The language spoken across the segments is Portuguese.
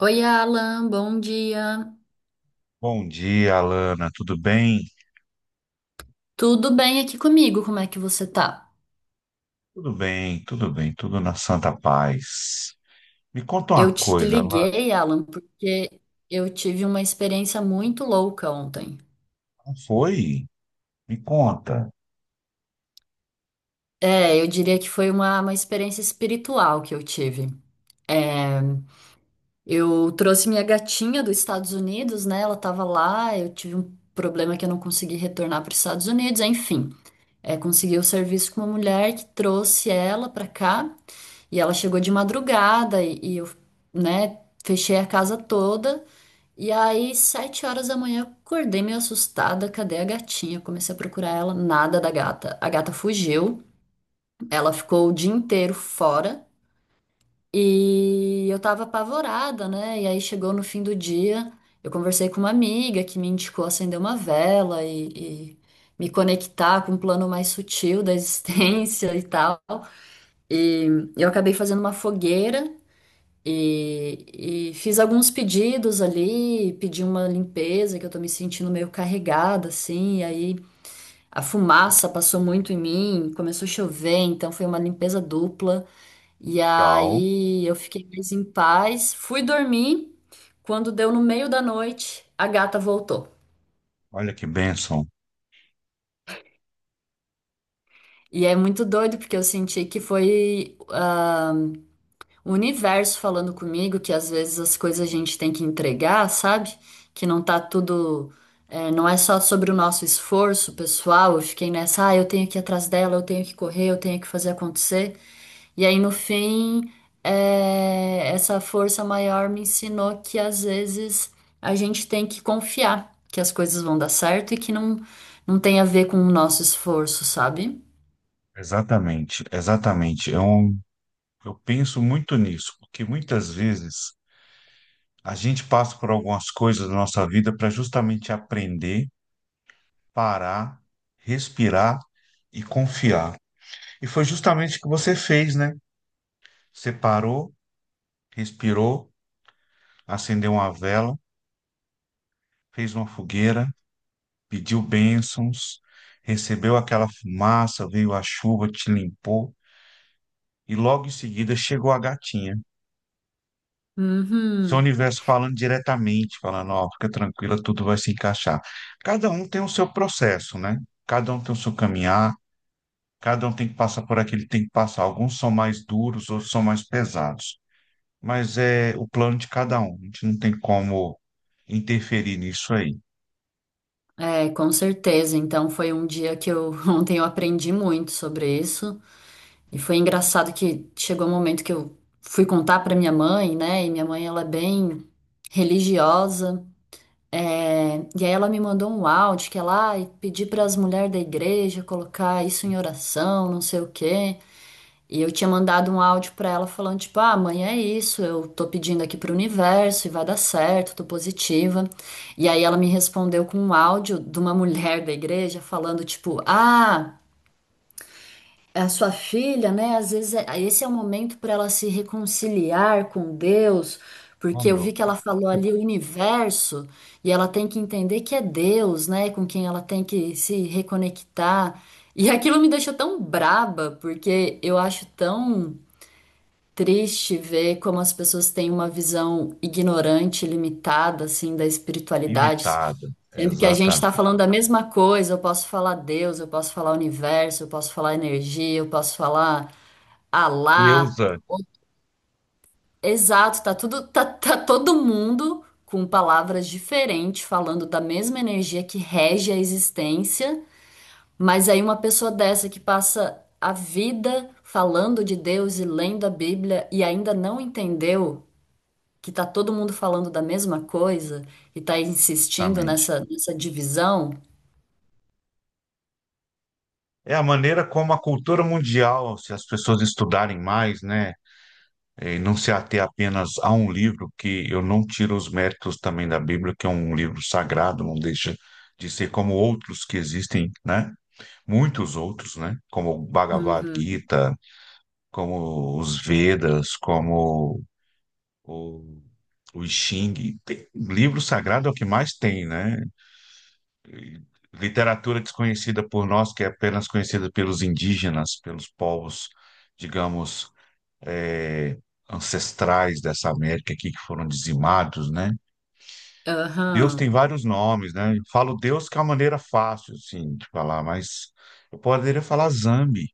Oi, Alan, bom dia. Bom dia, Alana. Tudo bem? Tudo bem aqui comigo? Como é que você tá? Tudo bem, tudo bem, tudo na santa paz. Me conta Eu uma te coisa, Alana. liguei, Alan, porque eu tive uma experiência muito louca ontem. Não foi? Me conta. É, eu diria que foi uma experiência espiritual que eu tive. É, Eu trouxe minha gatinha dos Estados Unidos, né? Ela tava lá, eu tive um problema que eu não consegui retornar para os Estados Unidos, enfim. É, conseguiu o serviço com uma mulher que trouxe ela pra cá e ela chegou de madrugada e eu, né, fechei a casa toda. E aí, 7 horas da manhã, eu acordei meio assustada. Cadê a gatinha? Comecei a procurar ela, nada da gata. A gata fugiu, ela ficou o dia inteiro fora. E eu tava apavorada, né? E aí chegou no fim do dia, eu conversei com uma amiga que me indicou acender uma vela e me conectar com um plano mais sutil da existência e tal. E eu acabei fazendo uma fogueira e, e fiz alguns pedidos ali, pedi uma limpeza, que eu tô me sentindo meio carregada, assim, e aí a fumaça passou muito em mim, começou a chover, então foi uma limpeza dupla. E Legal. aí eu fiquei mais em paz, fui dormir. Quando deu no meio da noite, a gata voltou. Olha que bênção. E é muito doido porque eu senti que foi. O universo falando comigo que às vezes as coisas a gente tem que entregar, sabe? Que não tá tudo. É, não é só sobre o nosso esforço pessoal. Eu fiquei nessa, ah, eu tenho que ir atrás dela, eu tenho que correr, eu tenho que fazer acontecer. E aí no fim, é, essa força maior me ensinou que às vezes a gente tem que confiar que as coisas vão dar certo e que não, não tem a ver com o nosso esforço, sabe? Exatamente, exatamente. Eu penso muito nisso, porque muitas vezes a gente passa por algumas coisas da nossa vida para justamente aprender, parar, respirar e confiar. E foi justamente o que você fez, né? Você parou, respirou, acendeu uma vela, fez uma fogueira, pediu bênçãos, recebeu aquela fumaça, veio a chuva, te limpou, e logo em seguida chegou a gatinha. Isso é o Uhum. universo falando diretamente, falando, ó, fica tranquila, tudo vai se encaixar. Cada um tem o seu processo, né? Cada um tem o seu caminhar, cada um tem que passar por aquele tem que passar. Alguns são mais duros, outros são mais pesados. Mas é o plano de cada um. A gente não tem como interferir nisso aí. É, com certeza. Então foi um dia que eu ontem eu aprendi muito sobre isso e foi engraçado que chegou um momento que eu fui contar para minha mãe, né? E minha mãe ela é bem religiosa. É, e aí ela me mandou um áudio que ela ah, pedi para as mulheres da igreja colocar isso em oração, não sei o quê. E eu tinha mandado um áudio pra ela falando, tipo, ah, mãe, é isso, eu tô pedindo aqui pro universo e vai dar certo, tô positiva. E aí ela me respondeu com um áudio de uma mulher da igreja falando, tipo, ah, a sua filha, né, às vezes esse é o momento pra ela se reconciliar com Deus, Oh, porque eu vi meu que ela pai, falou ali o universo e ela tem que entender que é Deus, né, com quem ela tem que se reconectar. E aquilo me deixou tão braba, porque eu acho tão triste ver como as pessoas têm uma visão ignorante, limitada, assim, da espiritualidade, limitada. sendo que a gente está Exatamente. falando da mesma coisa. Eu posso falar Deus, eu posso falar universo, eu posso falar energia, eu posso falar Alá. Deusa. Exato, tá tudo, tá todo mundo com palavras diferentes, falando da mesma energia que rege a existência, mas aí uma pessoa dessa que passa a vida falando de Deus e lendo a Bíblia e ainda não entendeu que tá todo mundo falando da mesma coisa e tá insistindo Exatamente. nessa divisão. É a maneira como a cultura mundial, se as pessoas estudarem mais, né, e não se ater apenas a um livro, que eu não tiro os méritos também da Bíblia, que é um livro sagrado, não deixa de ser como outros que existem, né, muitos outros, né, como o Bhagavad Uhum. Gita, como os Vedas, como o, o Xing. Tem- livro sagrado é o que mais tem, né? Literatura desconhecida por nós, que é apenas conhecida pelos indígenas, pelos povos, digamos, eh, ancestrais dessa América aqui que foram dizimados, né? Deus tem Aham. vários nomes, né? Eu falo Deus que é uma maneira fácil, assim, de falar, mas eu poderia falar Zambi,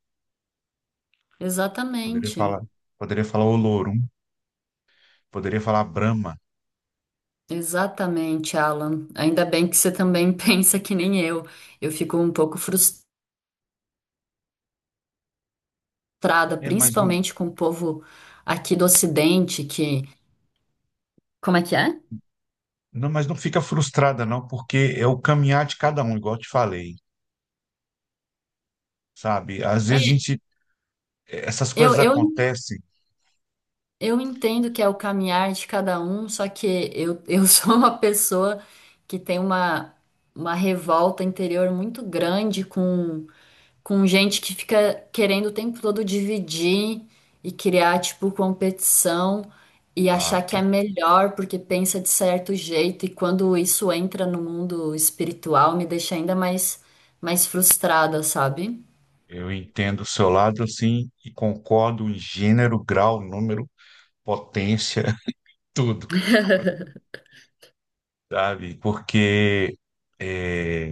poderia Exatamente. falar, poderia falar Olorum, poderia falar Brahma. Exatamente, Alan. Ainda bem que você também pensa que nem eu. Eu fico um pouco frustrada, Mas principalmente com o povo aqui do Ocidente, que. Como é que é? não, mas não fica frustrada, não, porque é o caminhar de cada um, igual eu te falei, sabe? Às vezes a É, gente, essas eu, coisas eu acontecem. Eu entendo que é o caminhar de cada um, só que eu sou uma pessoa que tem uma revolta interior muito grande com gente que fica querendo o tempo todo dividir e criar, tipo, competição e achar que Exato. é melhor porque pensa de certo jeito. E quando isso entra no mundo espiritual, me deixa ainda mais, mais frustrada, sabe? Eu entendo o seu lado, assim, e concordo em gênero, grau, número, potência, tudo, sabe? Porque é,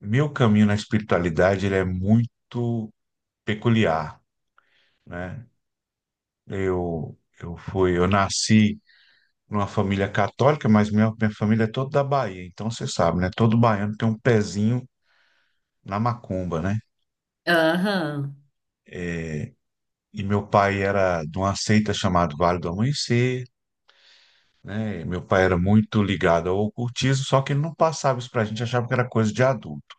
meu caminho na espiritualidade ele é muito peculiar, né? Eu nasci numa família católica, mas minha família é toda da Bahia, então você sabe, né? Todo baiano tem um pezinho na macumba, né? Aham, E meu pai era de uma seita chamada Vale do Amanhecer, né? Meu pai era muito ligado ao ocultismo, só que ele não passava isso pra gente, achava que era coisa de adulto.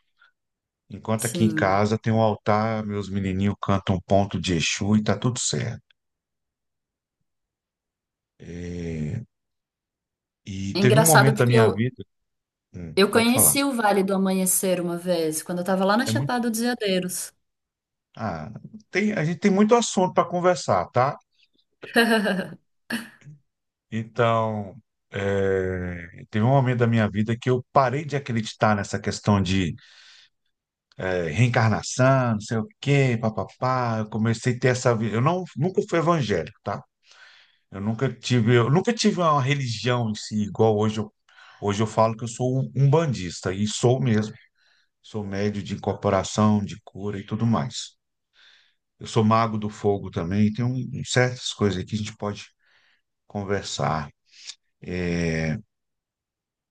Enquanto aqui em sim. casa tem um altar, meus menininhos cantam um ponto de Exu e tá tudo certo. É, E É teve um engraçado momento da minha vida. Eu Pode falar. conheci o Vale do Amanhecer uma vez, quando eu estava lá na É muito, Chapada dos Veadeiros. ah, tem, a gente tem muito assunto para conversar, tá? Então, teve um momento da minha vida que eu parei de acreditar nessa questão de reencarnação, não sei o quê, papapá. Eu comecei a ter essa vida. Eu não, nunca fui evangélico, tá? Eu nunca tive uma religião em si, igual hoje eu falo que eu sou um umbandista, e sou mesmo. Sou médio de incorporação, de cura e tudo mais. Eu sou mago do fogo também, tem um certas coisas aqui que a gente pode conversar.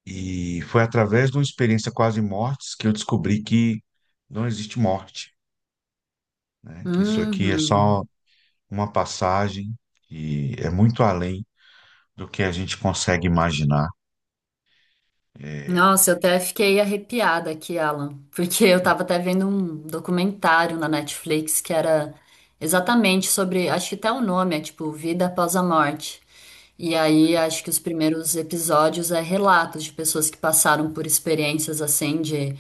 E foi através de uma experiência quase mortes que eu descobri que não existe morte, né? Que isso aqui é só Uhum. uma passagem que é muito além do que a gente consegue imaginar. Nossa, eu até fiquei arrepiada aqui, Alan, porque eu tava até vendo um documentário na Netflix que era exatamente sobre, acho que até o nome é tipo Vida Após a Morte. E aí acho que os primeiros episódios é relatos de pessoas que passaram por experiências assim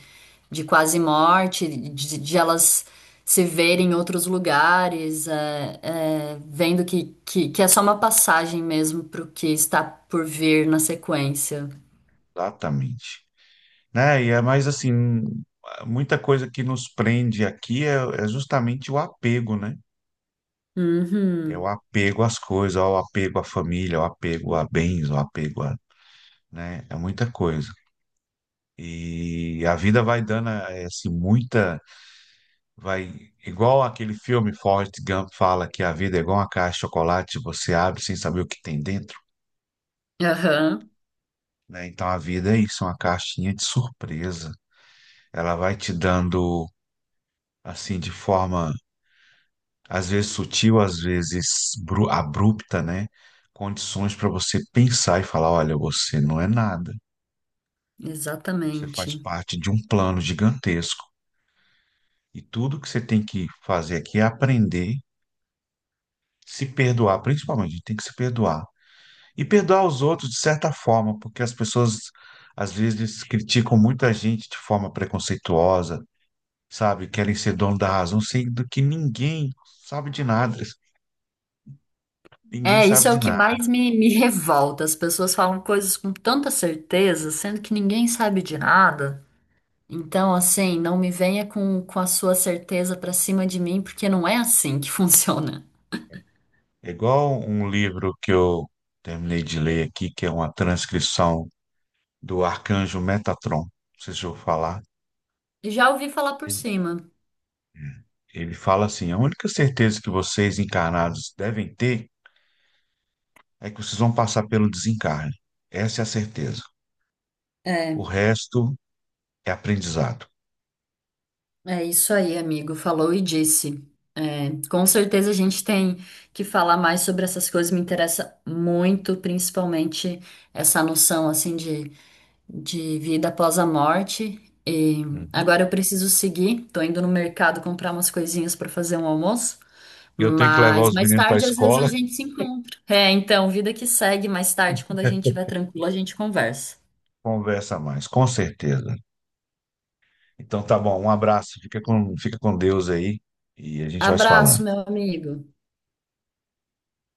de quase morte, de elas se verem em outros lugares, vendo que é só uma passagem mesmo pro que está por vir na sequência. Exatamente. Né? E é mais assim, muita coisa que nos prende aqui é justamente o apego, né? É o Uhum. apego às coisas, o apego à família, o apego a bens, o apego a, né? É muita coisa. E a vida vai dando assim, muita, vai, igual aquele filme Forrest Gump fala que a vida é igual uma caixa de chocolate, você abre sem saber o que tem dentro. Aham, Né? Então a vida é isso, é uma caixinha de surpresa. Ela vai te dando, assim, de forma às vezes sutil, às vezes bru- abrupta, né? Condições para você pensar e falar: olha, você não é nada, você exatamente. faz parte de um plano gigantesco. E tudo que você tem que fazer aqui é aprender, se perdoar, principalmente, a gente tem que se perdoar. E perdoar os outros de certa forma, porque as pessoas às vezes criticam muita gente de forma preconceituosa, sabe? Querem ser dono da razão, sendo que ninguém sabe de nada. Ninguém É, isso sabe é de o que nada. mais me, me revolta. As pessoas falam coisas com tanta certeza, sendo que ninguém sabe de nada. Então, assim, não me venha com a sua certeza pra cima de mim, porque não é assim que funciona. É igual um livro que eu terminei de ler aqui, que é uma transcrição do Arcanjo Metatron. Não sei se eu vou falar. Já ouvi falar por Ele cima. ele fala assim: a única certeza que vocês encarnados devem ter é que vocês vão passar pelo desencarne. Essa é a certeza. O É, resto é aprendizado. É isso aí, amigo. Falou e disse. É, com certeza a gente tem que falar mais sobre essas coisas. Me interessa muito, principalmente essa noção, assim, de vida após a morte. E Uhum. agora eu preciso seguir. Tô indo no mercado comprar umas coisinhas para fazer um almoço. Eu tenho que levar Mas os mais meninos para a tarde, às vezes, a escola, gente se encontra. É, então, vida que segue. Mais tarde, quando a gente estiver tranquilo, a gente conversa. conversa mais, com certeza. Então tá bom, um abraço, fica com Deus aí e a gente vai se Abraço, falando. meu amigo.